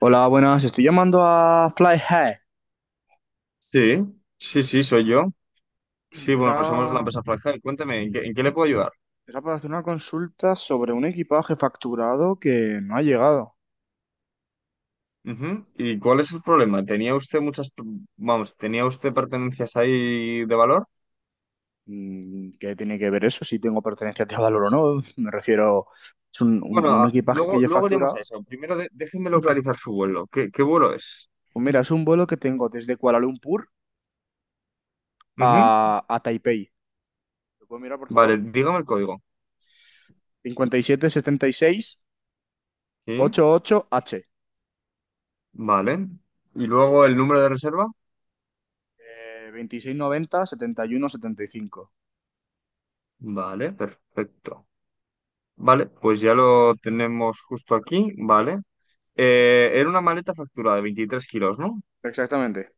Hola, buenas. Estoy llamando a Fly High. Sí, sí, sí, soy yo. Sí, Era, bueno, somos la empresa Fractal. Cuénteme, ¿en qué le puedo ayudar? era para hacer una consulta sobre un equipaje facturado que no ha llegado. Ujú. ¿Y cuál es el problema? Vamos, tenía usted pertenencias ahí de valor? ¿Qué tiene que ver eso? Si tengo pertenencias de valor o no. Me refiero, es un, Bueno, un- un equipaje que luego, yo he luego iremos a facturado. eso. Primero déjeme localizar su vuelo. ¿Qué vuelo es? Pues mira, es un vuelo que tengo desde Kuala Lumpur Ujú. a Taipei. ¿Lo puedo mirar, por Vale, favor? dígame el código. Sí, 5776H. vale. ¿Y luego el número de reserva? 26 90 71 75. Vale, perfecto. Vale, pues ya lo tenemos justo aquí. Vale. Era una maleta facturada de 23 kilos, ¿no? Exactamente.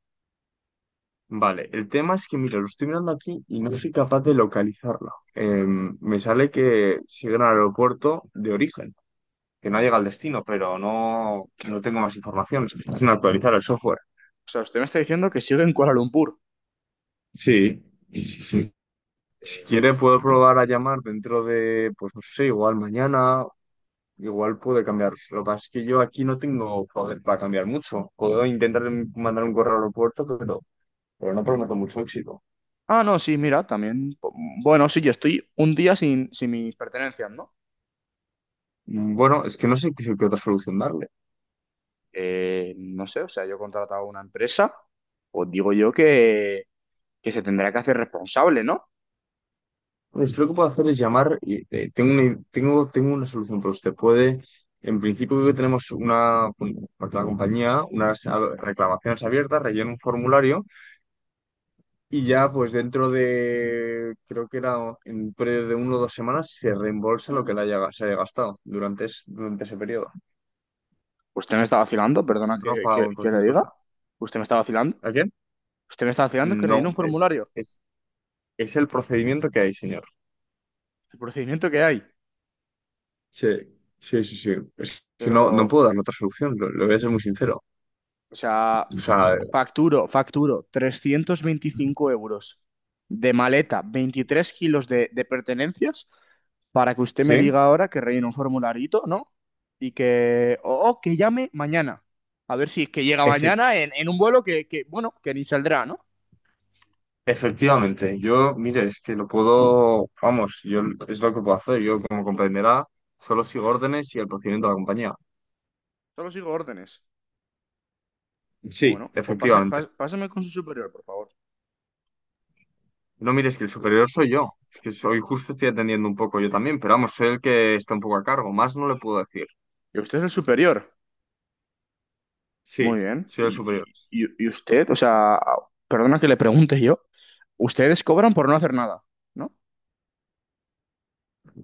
Vale, el tema es que, mira, lo estoy mirando aquí y no soy capaz de localizarla. Me sale que sigue en el aeropuerto de origen, que no llega al destino, pero no tengo más información. Se está sin actualizar el software. O sea, usted me está diciendo que sigue en Kuala Lumpur. Sí, sí, sí, sí. Si Eh, quiere, puedo probar a llamar dentro de, pues no sé, igual mañana, igual puede cambiar. Lo que pasa es que yo aquí no tengo poder para cambiar mucho. Puedo intentar mandar un correo al aeropuerto, pero no prometo mucho éxito. Ah, no, sí, mira, también. Bueno, sí, yo estoy un día sin mis pertenencias, ¿no? Bueno, es que no sé qué otra solución darle. No sé, o sea, yo he contratado a una empresa, pues digo yo que se tendrá que hacer responsable, ¿no? Pues lo que puedo hacer es llamar y tengo una, tengo una solución, pero usted puede, en principio creo que tenemos una, bueno, por la compañía, unas reclamaciones abiertas, rellena un formulario y ya pues dentro de, creo que era en un periodo de una o 2 semanas, se reembolsa lo que le haya, se haya gastado durante ese periodo, Usted me está vacilando, pues, perdona en que, ropa que- o en que le cualquier diga. cosa. Usted me está vacilando. ¿A quién? Usted me está vacilando que rellene No, un es, formulario, es, es el procedimiento que hay, señor. el procedimiento que hay. Sí, sí, sí, sí. Es que Pero, no puedo dar otra solución, lo voy a ser muy sincero. o sea, O sea, facturo 325 € de maleta, 23 kilos de pertenencias. Para que usted sí, me diga ahora que rellene un formularito, ¿no? Y que, o que llame mañana. A ver si es que llega efe- mañana en un vuelo que, bueno, que ni saldrá, ¿no? efectivamente. Yo, mire, es que lo puedo, vamos, yo es lo que puedo hacer. Yo, como comprenderá, solo sigo órdenes y el procedimiento de la compañía. Solo sigo órdenes. Sí, Bueno, pues efectivamente. Pásame con su superior, por favor. No, mire, es que el superior soy yo. Es que soy justo, estoy atendiendo un poco yo también, pero vamos, soy el que está un poco a cargo. Más no le puedo decir. ¿Y usted es el superior? Muy Sí, bien. soy el ¿Y, superior. y- y- y usted? O sea, perdona que le pregunte yo. Ustedes cobran por no hacer nada, ¿no? O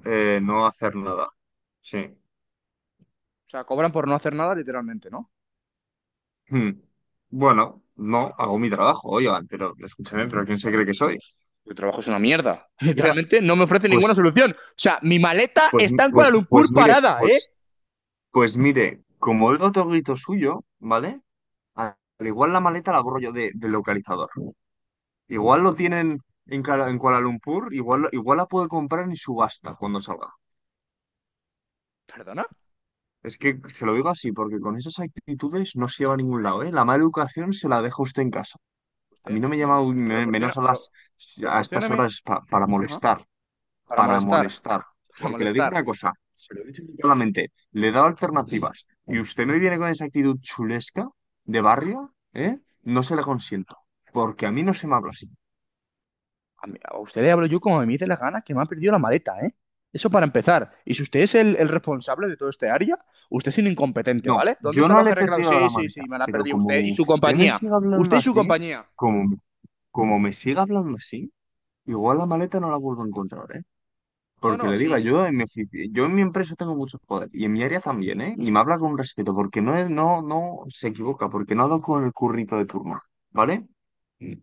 No hacer nada. Sí. sea, cobran por no hacer nada literalmente, ¿no? Hmm. Bueno, no, hago mi trabajo, oigan, pero escúchame, pero ¿quién se cree que soy? Mi trabajo es una mierda. Mira, Literalmente no me ofrece ninguna pues, solución. O sea, mi maleta está en Kuala pues Lumpur mire, parada, ¿eh? pues. Pues mire, como oigo otro grito suyo, ¿vale? Al igual la maleta la borro yo del localizador. Igual lo tienen en Kuala Lumpur, igual la puedo comprar en subasta cuando salga. ¿Perdona? Es que se lo digo así, porque con esas actitudes no se lleva a ningún lado, ¿eh? La mala educación se la deja usted en casa. A mí Usted no me, me me llama menos proporciona, a estas proporcióname, horas para ajá, molestar. para Para molestar, molestar. para Porque le digo molestar. una cosa, se lo he dicho claramente, le he dado alternativas y usted me viene con esa actitud chulesca de barrio, ¿eh? No se la consiento, porque a mí no se me habla así. A usted le hablo yo como me dice la gana, que me ha perdido la maleta, ¿eh? Eso para empezar. Y si usted es el responsable de todo este área, usted es un incompetente, No, ¿vale? ¿Dónde yo está el no le ojo he reclamo? perdido Sí, la sí, maleta, sí, me la ha pero perdido como usted y su usted me compañía. siga Usted hablando y su así, compañía. como, como me siga hablando así, igual la maleta no la vuelvo a encontrar, ¿eh? No, Porque no, le diga, sí. Yo en mi empresa tengo mucho poder y en mi área también, ¿eh? Y me habla con respeto porque no se equivoca, porque no ha dado con el currito de turno, ¿vale? Mm.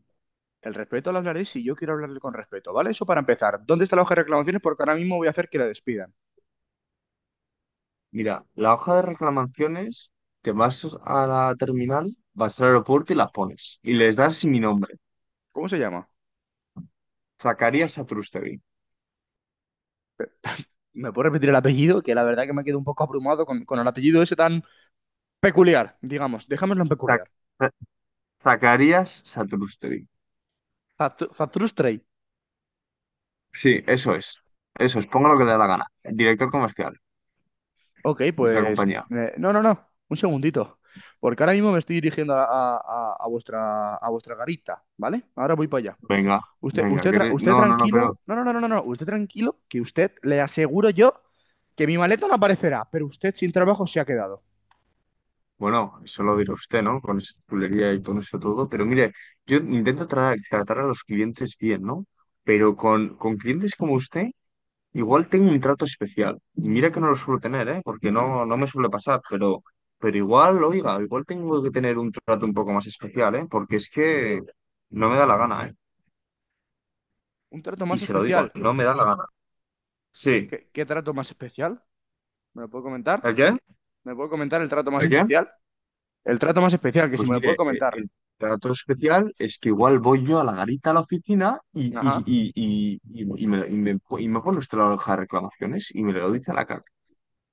El respeto lo hablaré si yo quiero hablarle con respeto, ¿vale? Eso para empezar. ¿Dónde está la hoja de reclamaciones? Porque ahora mismo voy a hacer que la despidan. Mira, la hoja de reclamaciones, te vas a la terminal, vas al aeropuerto y la pones. Y les das mi nombre, ¿Cómo se llama? Zacarías Satrústegui. ¿Me puedo repetir el apellido? Que la verdad que me quedo un poco abrumado con el apellido ese tan peculiar, digamos. Dejémoslo en Zac- peculiar. Za- Zacarías Satrústegui. Fatrustrey. Sí, eso es. Eso es, ponga lo que le da la gana. El director comercial Ok, de la pues... compañía. No, no, no. Un segundito. Porque ahora mismo me estoy dirigiendo a, a vuestra, a vuestra garita, ¿vale? Ahora voy para allá. Venga, venga, Usted no, no, no, pero tranquilo. No, no, no, no, no, no. Usted tranquilo, que usted le aseguro yo que mi maleta no aparecerá, pero usted sin trabajo se ha quedado. bueno, eso lo dirá usted, ¿no? Con esa chulería y con eso todo. Pero mire, yo intento tratar a los clientes bien, ¿no? Pero con clientes como usted, igual tengo un trato especial. Y mira que no lo suelo tener, ¿eh? Porque no me suele pasar, pero igual, oiga, igual tengo que tener un trato un poco más especial, ¿eh? Porque es que no me da la gana, ¿eh? Un trato Y más se lo digo, especial. no me da la gana. Sí. ¿Qué trato más especial? ¿Me lo puedo comentar? ¿El qué? ¿Me puedo comentar el trato más ¿El qué? especial? El trato más especial, que si Pues me lo puede mire, comentar. el trato especial es que igual voy yo a la garita a la oficina Ajá. Y, y- y me, y, me pone usted la hoja de reclamaciones y me lo dice a la cara.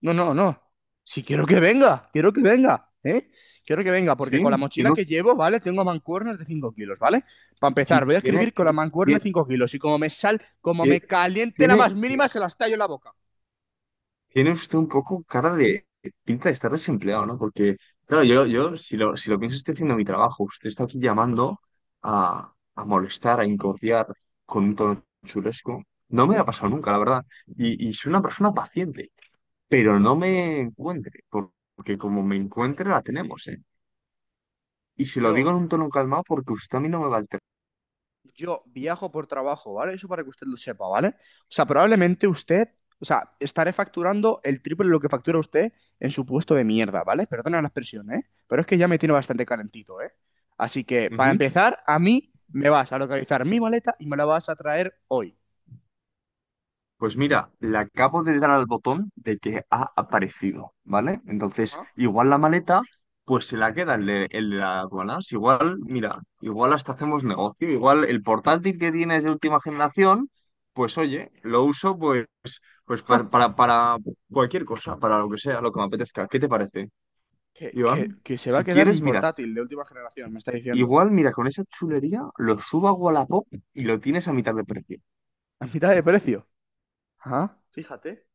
No, no, no. Si quiero que venga, quiero que venga, ¿eh? Quiero que venga, Sí, porque con la mochila tiene, que us- llevo, ¿vale? Tengo mancuernas de 5 kilos, ¿vale? Para empezar, ti- voy a tiene, escribir con la mancuerna de 5 kilos y como me sal, como ti- me caliente la tiene, más ti- mínima, se las tallo en la boca. tiene usted un poco cara de pinta de estar desempleado, ¿no? Porque, claro, yo si lo, pienso, estoy haciendo mi trabajo. Usted está aquí llamando a molestar, a incordiar con un tono chulesco. No me ha pasado nunca, la verdad. Y soy una persona paciente. Pero no Paciente. me encuentre, porque como me encuentre la tenemos, ¿eh? Y se lo Yo digo en un tono calmado porque usted a mí no me va a alterar. Yo viajo por trabajo, ¿vale? Eso para que usted lo sepa, ¿vale? O sea, probablemente usted, o sea, estaré facturando el triple de lo que factura usted en su puesto de mierda, ¿vale? Perdona la expresión, ¿eh? Pero es que ya me tiene bastante calentito, ¿eh? Así que, para Ujú. empezar, a mí me vas a localizar mi maleta y me la vas a traer hoy. Pues mira, le acabo de dar al botón de que ha aparecido, ¿vale? Entonces, Ajá. igual la maleta, pues se la queda el de las aduanas. Igual, mira, igual hasta hacemos negocio. Igual el portátil que tiene es de última generación, pues oye, lo uso pues Ja, para, para cualquier cosa, para lo que sea, lo que me apetezca. ¿Qué te parece, Que, que, Iván? que se va Si a quedar quieres, mi mira, portátil de última generación, me está diciendo. igual, mira, con esa chulería lo subo a Wallapop y lo tienes a mitad de precio. A mitad de precio. Ajá. Fíjate,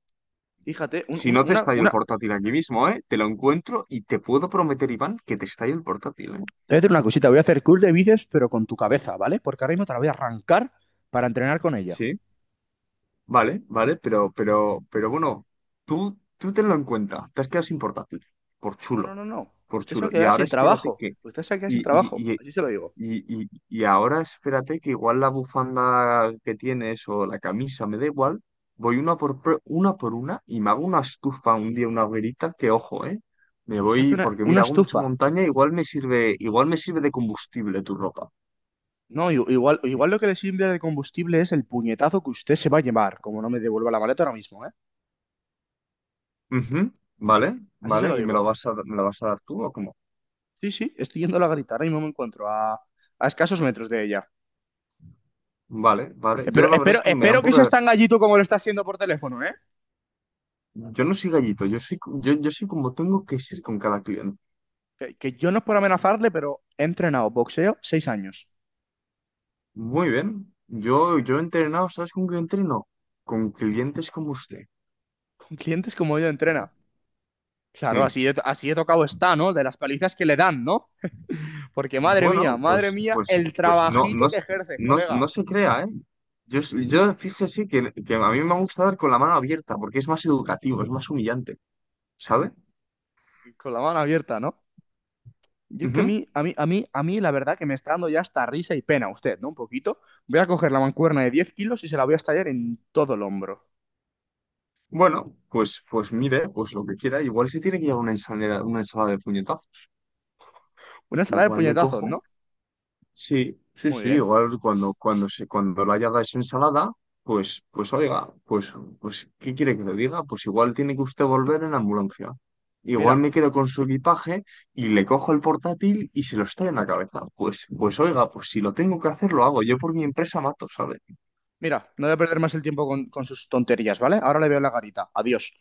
fíjate, un- Si una, no te una, estalla el una, portátil aquí mismo, ¿eh? Te lo encuentro y te puedo prometer, Iván, que te estalla el portátil, ¿eh? Te voy a hacer una cosita, voy a hacer curl de bíceps, pero con tu cabeza, ¿vale? Porque ahora mismo te la voy a arrancar para entrenar con ella. Sí, vale, vale, pero bueno, tú tenlo en cuenta. Te has quedado sin portátil. Por No, no, chulo, no, no. por Usted se va chulo. a Y quedar ahora sin espérate trabajo. que... Usted se va a quedar sin trabajo. Y, Y, Así se lo digo. y, y ahora espérate que igual la bufanda que tienes o la camisa, me da igual, voy una por una y me hago una estufa un día, una hoguerita, que ojo, ¿eh? Me Que se hace voy, porque una mira, hago mucha estufa. montaña, igual me sirve de combustible tu ropa. No, igual, igual lo que le sirve de combustible es el puñetazo que usted se va a llevar, como no me devuelva la maleta ahora mismo, ¿eh? Ujú. Vale, Así se lo vale, ¿y me la digo. vas a, me la vas a dar tú o cómo? Sí, sí, estoy yendo a la garita. Ahora mismo me encuentro a escasos metros de ella. Vale, vale, yo la verdad es que me da un Espero que poco... seas de- tan gallito como lo está haciendo por teléfono, ¿eh? Yo no soy gallito, yo soy, co- yo soy como tengo que ser con cada cliente. Que yo no es por amenazarle, pero he entrenado boxeo 6 años. Muy bien. Yo he entrenado, ¿sabes con qué entreno? Con clientes como usted. Con clientes como yo entrena. Claro, Sí. así de tocado está, ¿no? De las palizas que le dan, ¿no? Porque Bueno, madre pues, mía, pues, el pues no, trabajito que ejerces, colega. no se crea, ¿eh? Yo, yo fíjese que a mí me gusta dar con la mano abierta porque es más educativo, es más humillante, ¿sabe? Con la mano abierta, ¿no? Yo es que a Ujú. mí, a mí, a mí, a mí, la verdad que me está dando ya hasta risa y pena usted, ¿no? Un poquito. Voy a coger la mancuerna de 10 kilos y se la voy a estallar en todo el hombro. Bueno, pues mire, pues lo que quiera. Igual se tiene que llevar una ensalada de puñetazos. Una sala de Igual le puñetazos, cojo ¿no? sí, sí, Muy sí, bien. igual cuando la haga es ensalada, pues oiga, ¿qué quiere que le diga? Pues igual tiene que usted volver en ambulancia. Mira, Igual me quedo con su equipaje y le cojo el portátil y se lo estoy en la cabeza. Pues oiga, pues si lo tengo que hacer, lo hago. Yo por mi empresa mato, ¿sabes? mira, no voy a perder más el tiempo con sus tonterías, ¿vale? Ahora le veo la garita. Adiós.